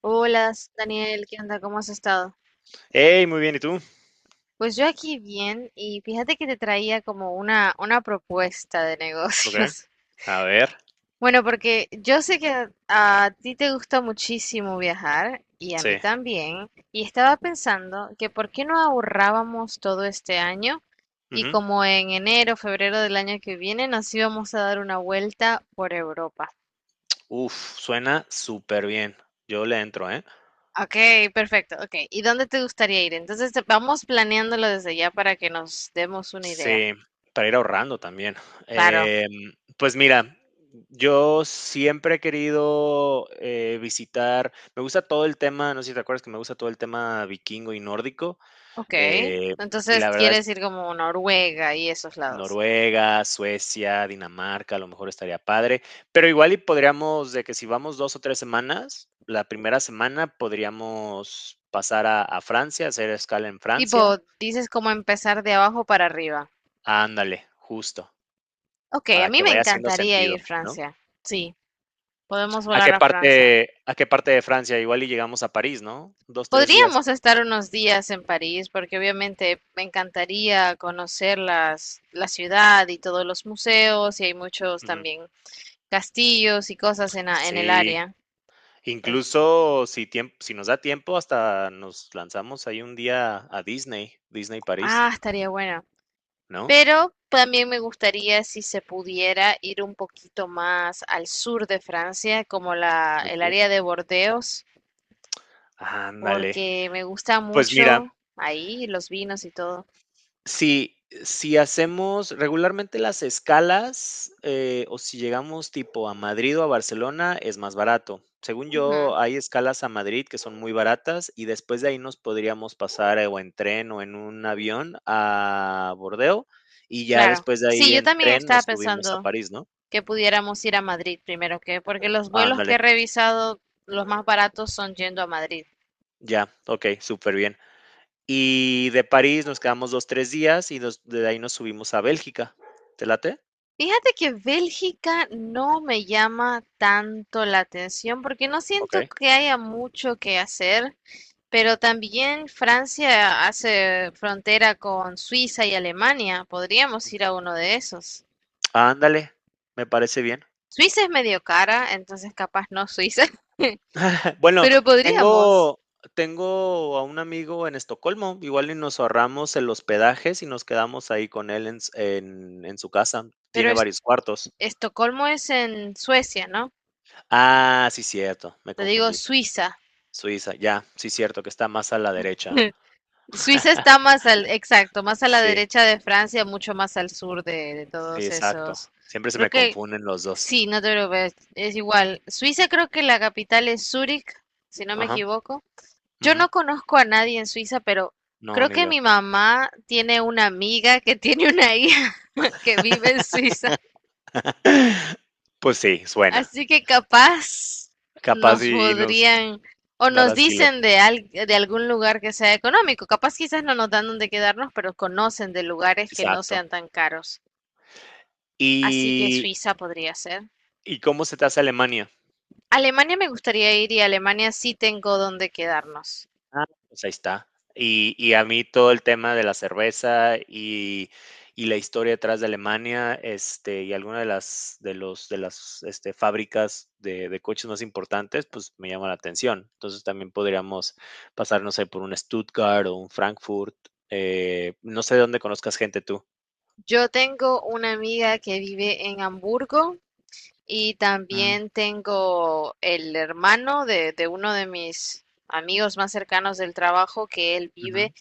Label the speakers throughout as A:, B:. A: Hola, Daniel, ¿qué onda? ¿Cómo has estado?
B: Hey, muy bien, ¿y tú?
A: Pues yo aquí bien y fíjate que te traía como una propuesta de
B: Okey,
A: negocios.
B: a ver,
A: Bueno, porque yo sé que a ti te gusta muchísimo viajar y a mí
B: sí,
A: también, y estaba pensando que por qué no ahorrábamos todo este año y
B: ujú.
A: como en enero, febrero del año que viene nos íbamos a dar una vuelta por Europa.
B: Uf, suena súper bien. Yo le entro, ¿eh?
A: Ok, perfecto, ok. ¿Y dónde te gustaría ir? Entonces vamos planeándolo desde ya para que nos demos una idea.
B: Sí, para ir ahorrando también.
A: Claro,
B: Pues mira, yo siempre he querido, visitar me gusta todo el tema, no sé si te acuerdas que me gusta todo el tema vikingo y nórdico,
A: ok.
B: eh, y
A: Entonces
B: la verdad
A: quieres
B: es
A: ir como Noruega y esos lados.
B: Noruega, Suecia, Dinamarca, a lo mejor estaría padre, pero igual y podríamos, de que si vamos 2 o 3 semanas, la primera semana podríamos pasar a Francia, hacer escala en Francia.
A: Tipo, dices como empezar de abajo para arriba.
B: Ándale, justo,
A: Ok, a
B: para que
A: mí me
B: vaya haciendo
A: encantaría
B: sentido,
A: ir a
B: ¿no?
A: Francia. Sí, podemos
B: ¿A qué
A: volar a
B: parte
A: Francia.
B: a qué parte de Francia? Igual y llegamos a París, ¿no? 2 3 días.
A: Podríamos estar unos días en París porque obviamente me encantaría conocer la ciudad y todos los museos y hay muchos
B: Ujú.
A: también castillos y cosas en el
B: Sí,
A: área. Ent-
B: incluso si nos da tiempo, hasta nos lanzamos ahí un día a Disney, Disney París,
A: ah, estaría bueno.
B: ¿no?
A: Pero también me gustaría si se pudiera ir un poquito más al sur de Francia, como
B: Al
A: el
B: sur.
A: área de Bordeos,
B: Ándale.
A: porque me gusta
B: Pues mira,
A: mucho ahí los vinos y todo.
B: si si hacemos regularmente las escalas, o si llegamos tipo a Madrid o a Barcelona, es más barato. Según
A: Ujú,
B: yo, hay escalas a Madrid que son muy baratas y después de ahí nos podríamos pasar o en tren o en un avión a Bordeaux, y ya
A: claro.
B: después de
A: Sí,
B: ahí
A: yo
B: en
A: también
B: tren
A: estaba
B: nos subimos a
A: pensando
B: París, ¿no?
A: que pudiéramos ir a Madrid primero que, porque los vuelos
B: Ándale,
A: que he revisado, los más baratos son yendo a Madrid.
B: ya, ok, súper bien. Y de París nos quedamos 2, 3 días y de ahí nos subimos a Bélgica. ¿Te late?
A: Fíjate que Bélgica no me llama tanto la atención porque no
B: Ok.
A: siento que haya mucho que hacer. Pero también Francia hace frontera con Suiza y Alemania. Podríamos ir
B: Ujú.
A: a uno de esos.
B: Ándale, me parece bien.
A: Suiza es medio cara, entonces capaz no Suiza,
B: Bueno,
A: pero podríamos.
B: tengo tengo a un amigo en Estocolmo, igual y nos ahorramos el hospedaje si nos quedamos ahí con él en s en su casa,
A: Pero
B: tiene
A: es-
B: varios cuartos.
A: Estocolmo es en Suecia, ¿no?
B: Ah, sí, cierto, me
A: Te digo
B: confundí.
A: Suiza.
B: Suiza, ya, sí, cierto, que está más a la derecha.
A: Suiza está más al, exacto, más a la
B: Sí,
A: derecha de Francia, mucho más al sur de
B: sí,
A: todos
B: exacto.
A: esos.
B: Siempre se
A: Creo
B: me
A: que
B: confunden los dos.
A: sí, no te preocupes, es igual. Suiza creo que la capital es Zúrich, si no me
B: Ajá,
A: equivoco. Yo
B: ujú.
A: no conozco a nadie en Suiza, pero
B: No,
A: creo
B: ni
A: que
B: yo.
A: mi mamá tiene una amiga que tiene una hija que vive en Suiza.
B: Pues sí, suena.
A: Así que capaz
B: Capaz
A: nos
B: y nos
A: podrían o
B: dar
A: nos
B: asilo.
A: dicen de algún lugar que sea económico. Capaz quizás no nos dan donde quedarnos, pero conocen de lugares que no
B: Exacto.
A: sean tan caros. Así que
B: Y
A: Suiza podría ser.
B: ¿Y cómo se te hace Alemania?
A: Alemania me gustaría ir y Alemania sí tengo donde quedarnos.
B: Ah, pues ahí está. Y a mí todo el tema de la cerveza y la historia detrás de Alemania, este, y alguna de las, de los, de las este, fábricas de coches más importantes, pues me llama la atención. Entonces también podríamos pasar, no sé, por un Stuttgart o un Frankfurt. No sé de dónde conozcas gente tú.
A: Yo tengo una amiga que vive en Hamburgo. Y
B: Mm,
A: también tengo el hermano de uno de mis amigos más cercanos del trabajo que él
B: ujú.
A: vive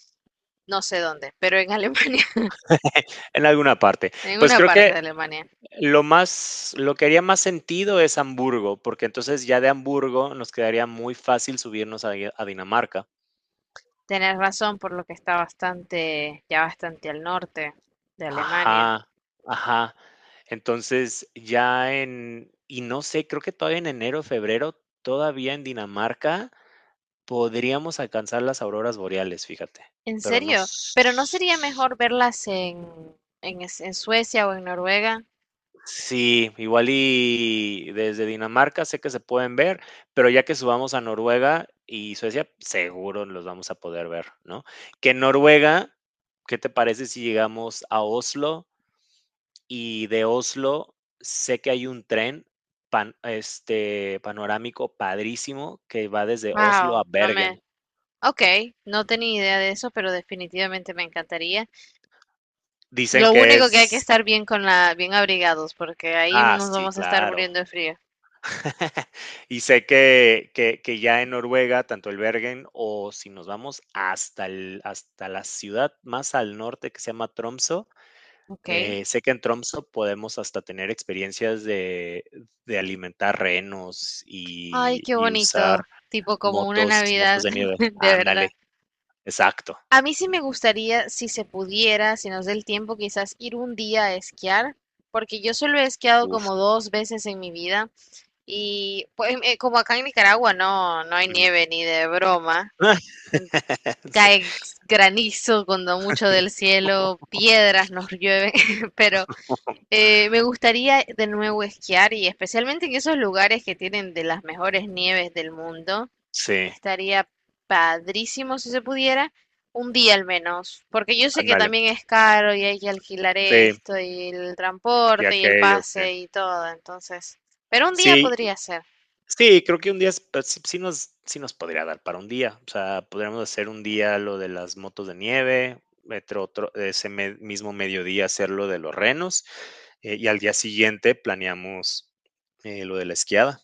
A: no sé dónde, pero en Alemania,
B: En alguna parte.
A: en
B: Pues
A: una
B: creo
A: parte
B: que
A: de Alemania.
B: Lo que haría más sentido es Hamburgo, porque entonces ya de Hamburgo nos quedaría muy fácil subirnos ahí a Dinamarca.
A: Tenés razón por lo que está bastante, ya bastante al norte de Alemania.
B: Ajá, ajá. Entonces, ya en y no sé, creo que todavía en enero, febrero, todavía en Dinamarca podríamos alcanzar las auroras boreales, fíjate,
A: ¿En
B: pero no
A: serio? ¿Pero no sería
B: s
A: mejor verlas en Suecia o en Noruega?
B: sí, igual y desde Dinamarca sé que se pueden ver, pero ya que subamos a Noruega y Suecia, seguro los vamos a poder ver, ¿no? Que en Noruega, ¿qué te parece si llegamos a Oslo? Y de Oslo sé que hay un tren panorámico padrísimo que va desde Oslo a
A: Wow.
B: Bergen.
A: Ok, no tenía idea de eso, pero definitivamente me encantaría.
B: Dicen
A: Lo
B: que
A: único que hay que
B: es.
A: estar bien con bien abrigados, porque ahí
B: Ah,
A: nos
B: sí,
A: vamos a estar
B: claro.
A: muriendo de frío.
B: Y sé que ya en Noruega, tanto el Bergen o si nos vamos hasta la ciudad más al norte que se llama Tromso.
A: Ok.
B: Sé que en Tromso podemos hasta tener experiencias de alimentar renos
A: Ay,
B: y
A: qué
B: y usar
A: bonito. Tipo como una
B: motos
A: Navidad,
B: de nieve.
A: de
B: Ándale,
A: verdad.
B: exacto.
A: A mí sí me gustaría, si se pudiera, si nos da el tiempo, quizás ir un día a esquiar, porque yo solo he esquiado
B: Uf,
A: como dos veces en mi vida y pues, como acá en Nicaragua no, no hay
B: ujú.
A: nieve ni de broma, en-
B: Sí,
A: cae granizo cuando mucho del cielo, piedras nos llueven. Pero eh, me gustaría de nuevo esquiar y especialmente en esos lugares que tienen de las mejores nieves del mundo.
B: sí,
A: Estaría padrísimo si se pudiera, un día al menos, porque yo sé que
B: ándale.
A: también es caro y hay que alquilar
B: Sí,
A: esto y el
B: y
A: transporte y el
B: aquello, sí.
A: pase y todo, entonces, pero un día
B: Sí.
A: podría ser,
B: Sí, creo que un día es pues, sí nos podría dar para un día. O sea, podríamos hacer un día lo de las motos de nieve, otro ese me mismo mediodía hacer lo de los renos, y al día siguiente planeamos, lo de la esquiada.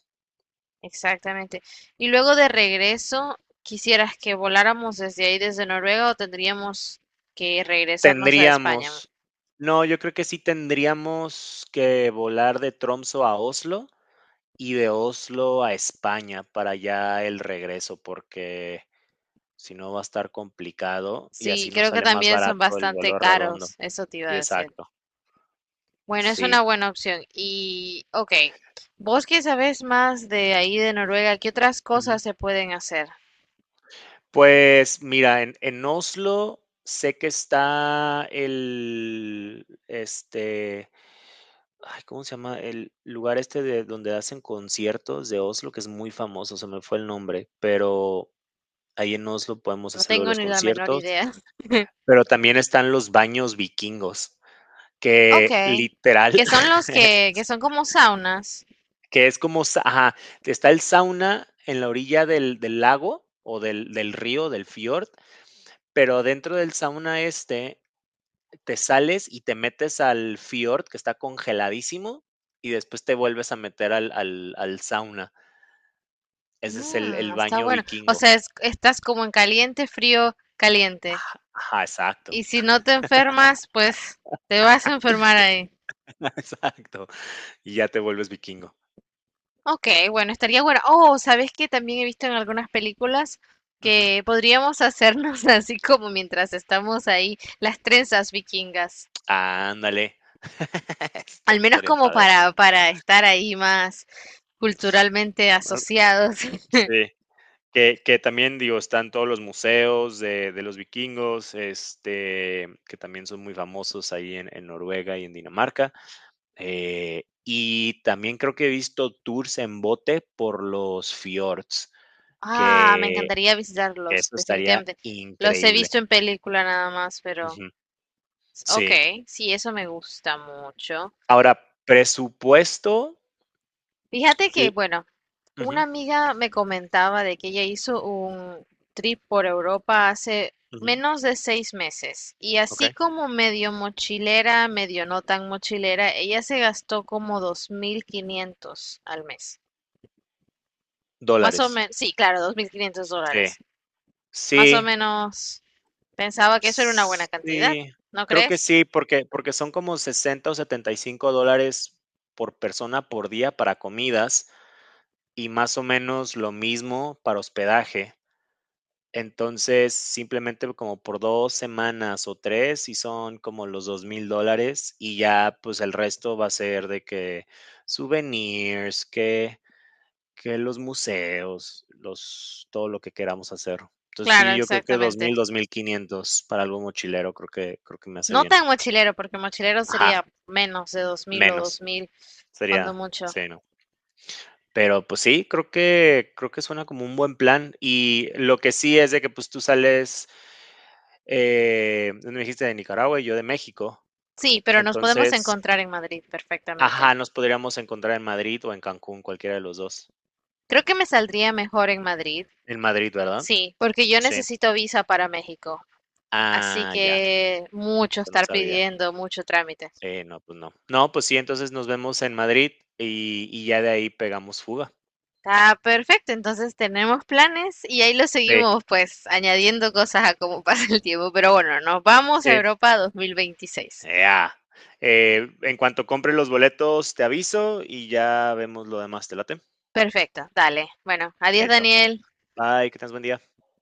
A: exactamente. Y luego de regreso, ¿quisieras que voláramos desde ahí, desde Noruega, o tendríamos que regresarnos a España?
B: Tendríamos, no, yo creo que sí tendríamos que volar de Tromsø a Oslo y de Oslo a España para ya el regreso, porque si no va a estar complicado y
A: Sí,
B: así nos
A: creo que
B: sale más
A: también son
B: barato el
A: bastante
B: vuelo redondo.
A: caros, eso te iba a
B: Sí,
A: decir.
B: exacto.
A: Bueno, es una
B: Sí.
A: buena opción. Y, ok, vos que sabés más de ahí de Noruega, ¿qué otras cosas
B: Ujú.
A: se pueden hacer?
B: Pues mira, en Oslo sé que está el, este, ay, ¿cómo se llama? El lugar este de donde hacen conciertos de Oslo, que es muy famoso, se me fue el nombre, pero ahí en Oslo podemos
A: No
B: hacer lo de
A: tengo
B: los
A: ni la menor
B: conciertos,
A: idea.
B: pero también están los baños vikingos,
A: Ok,
B: que literal,
A: que son los que son como saunas.
B: que es como, ajá, está el sauna en la orilla del lago o del río, del fiord. Pero dentro del sauna este, te sales y te metes al fiord, que está congeladísimo, y después te vuelves a meter al sauna. Ese es el,
A: Mm,
B: el
A: está
B: baño
A: bueno. O
B: vikingo.
A: sea, estás como en caliente, frío, caliente.
B: Ajá, ajá, exacto.
A: Y si no te enfermas, pues te vas a enfermar ahí.
B: Exacto. Y ya te vuelves vikingo.
A: Ok, bueno, estaría bueno. Oh, ¿sabes qué? También he visto en algunas películas
B: Ujú.
A: que podríamos hacernos así como mientras estamos ahí, las trenzas vikingas.
B: Ándale.
A: Al
B: Estaría,
A: menos
B: estaría
A: como
B: padre.
A: para estar ahí más culturalmente
B: Ah,
A: asociados.
B: sí, que también, digo, están todos los museos de los vikingos, este, que también son muy famosos ahí en Noruega y en Dinamarca. Y también creo que he visto tours en bote por los fiords,
A: Ah, me
B: que
A: encantaría
B: que
A: visitarlos,
B: eso estaría
A: definitivamente. Los he
B: increíble.
A: visto en película nada más, pero
B: Ujú,
A: ok,
B: sí.
A: sí, eso me gusta mucho.
B: Ahora, presupuesto
A: Fíjate que,
B: l
A: bueno, una
B: ujú,
A: amiga me comentaba de que ella hizo un trip por Europa hace
B: ujú,
A: menos de 6 meses y así
B: okey.
A: como medio mochilera, medio no tan mochilera, ella se gastó como 2500 al mes. Más o
B: Dólares.
A: menos, sí, claro, 2.500
B: Sí,
A: dólares. Más o
B: sí,
A: menos pensaba que eso era una buena cantidad,
B: sí,
A: ¿no
B: creo que
A: crees?
B: sí, porque son como 60 o 75 dólares por persona por día para comidas, y más o menos lo mismo para hospedaje. Entonces, simplemente como por 2 semanas o 3 y son como los 2.000 dólares, y ya, pues, el resto va a ser de que souvenirs, que los museos, los todo lo que queramos hacer. Entonces,
A: Claro,
B: sí, yo creo que dos dos
A: exactamente.
B: mil 2.500 para algo mochilero, creo que me hace
A: No
B: bien.
A: tan mochilero, porque mochilero
B: Ajá,
A: sería menos de 2000 o dos
B: menos,
A: mil cuando
B: sería
A: mucho.
B: sí, no. Pero, pues sí, creo que suena como un buen plan. Y lo que sí es de que, pues, tú sales, me dijiste de Nicaragua y yo de México.
A: Sí, pero nos podemos
B: Entonces,
A: encontrar en Madrid perfectamente.
B: ajá, nos podríamos encontrar en Madrid o en Cancún, cualquiera de los dos.
A: Creo que me saldría mejor en Madrid,
B: En Madrid, ¿verdad?
A: sí, porque yo
B: Sí.
A: necesito visa para México. Así
B: Ah, ya,
A: que mucho
B: eso no
A: estar
B: sabía.
A: pidiendo, mucho trámite.
B: Sí, no, pues no. No, pues sí, entonces nos vemos en Madrid y ya de ahí pegamos fuga.
A: Está perfecto, entonces tenemos planes y ahí lo
B: Sí.
A: seguimos pues añadiendo cosas a cómo pasa el tiempo. Pero bueno, nos vamos a
B: Sí.
A: Europa 2026.
B: Ya, en cuanto compre los boletos, te aviso y ya vemos lo demás. ¿Te late?
A: Perfecto, dale. Bueno, adiós
B: Hecho.
A: Daniel.
B: Bye, que tengas buen día.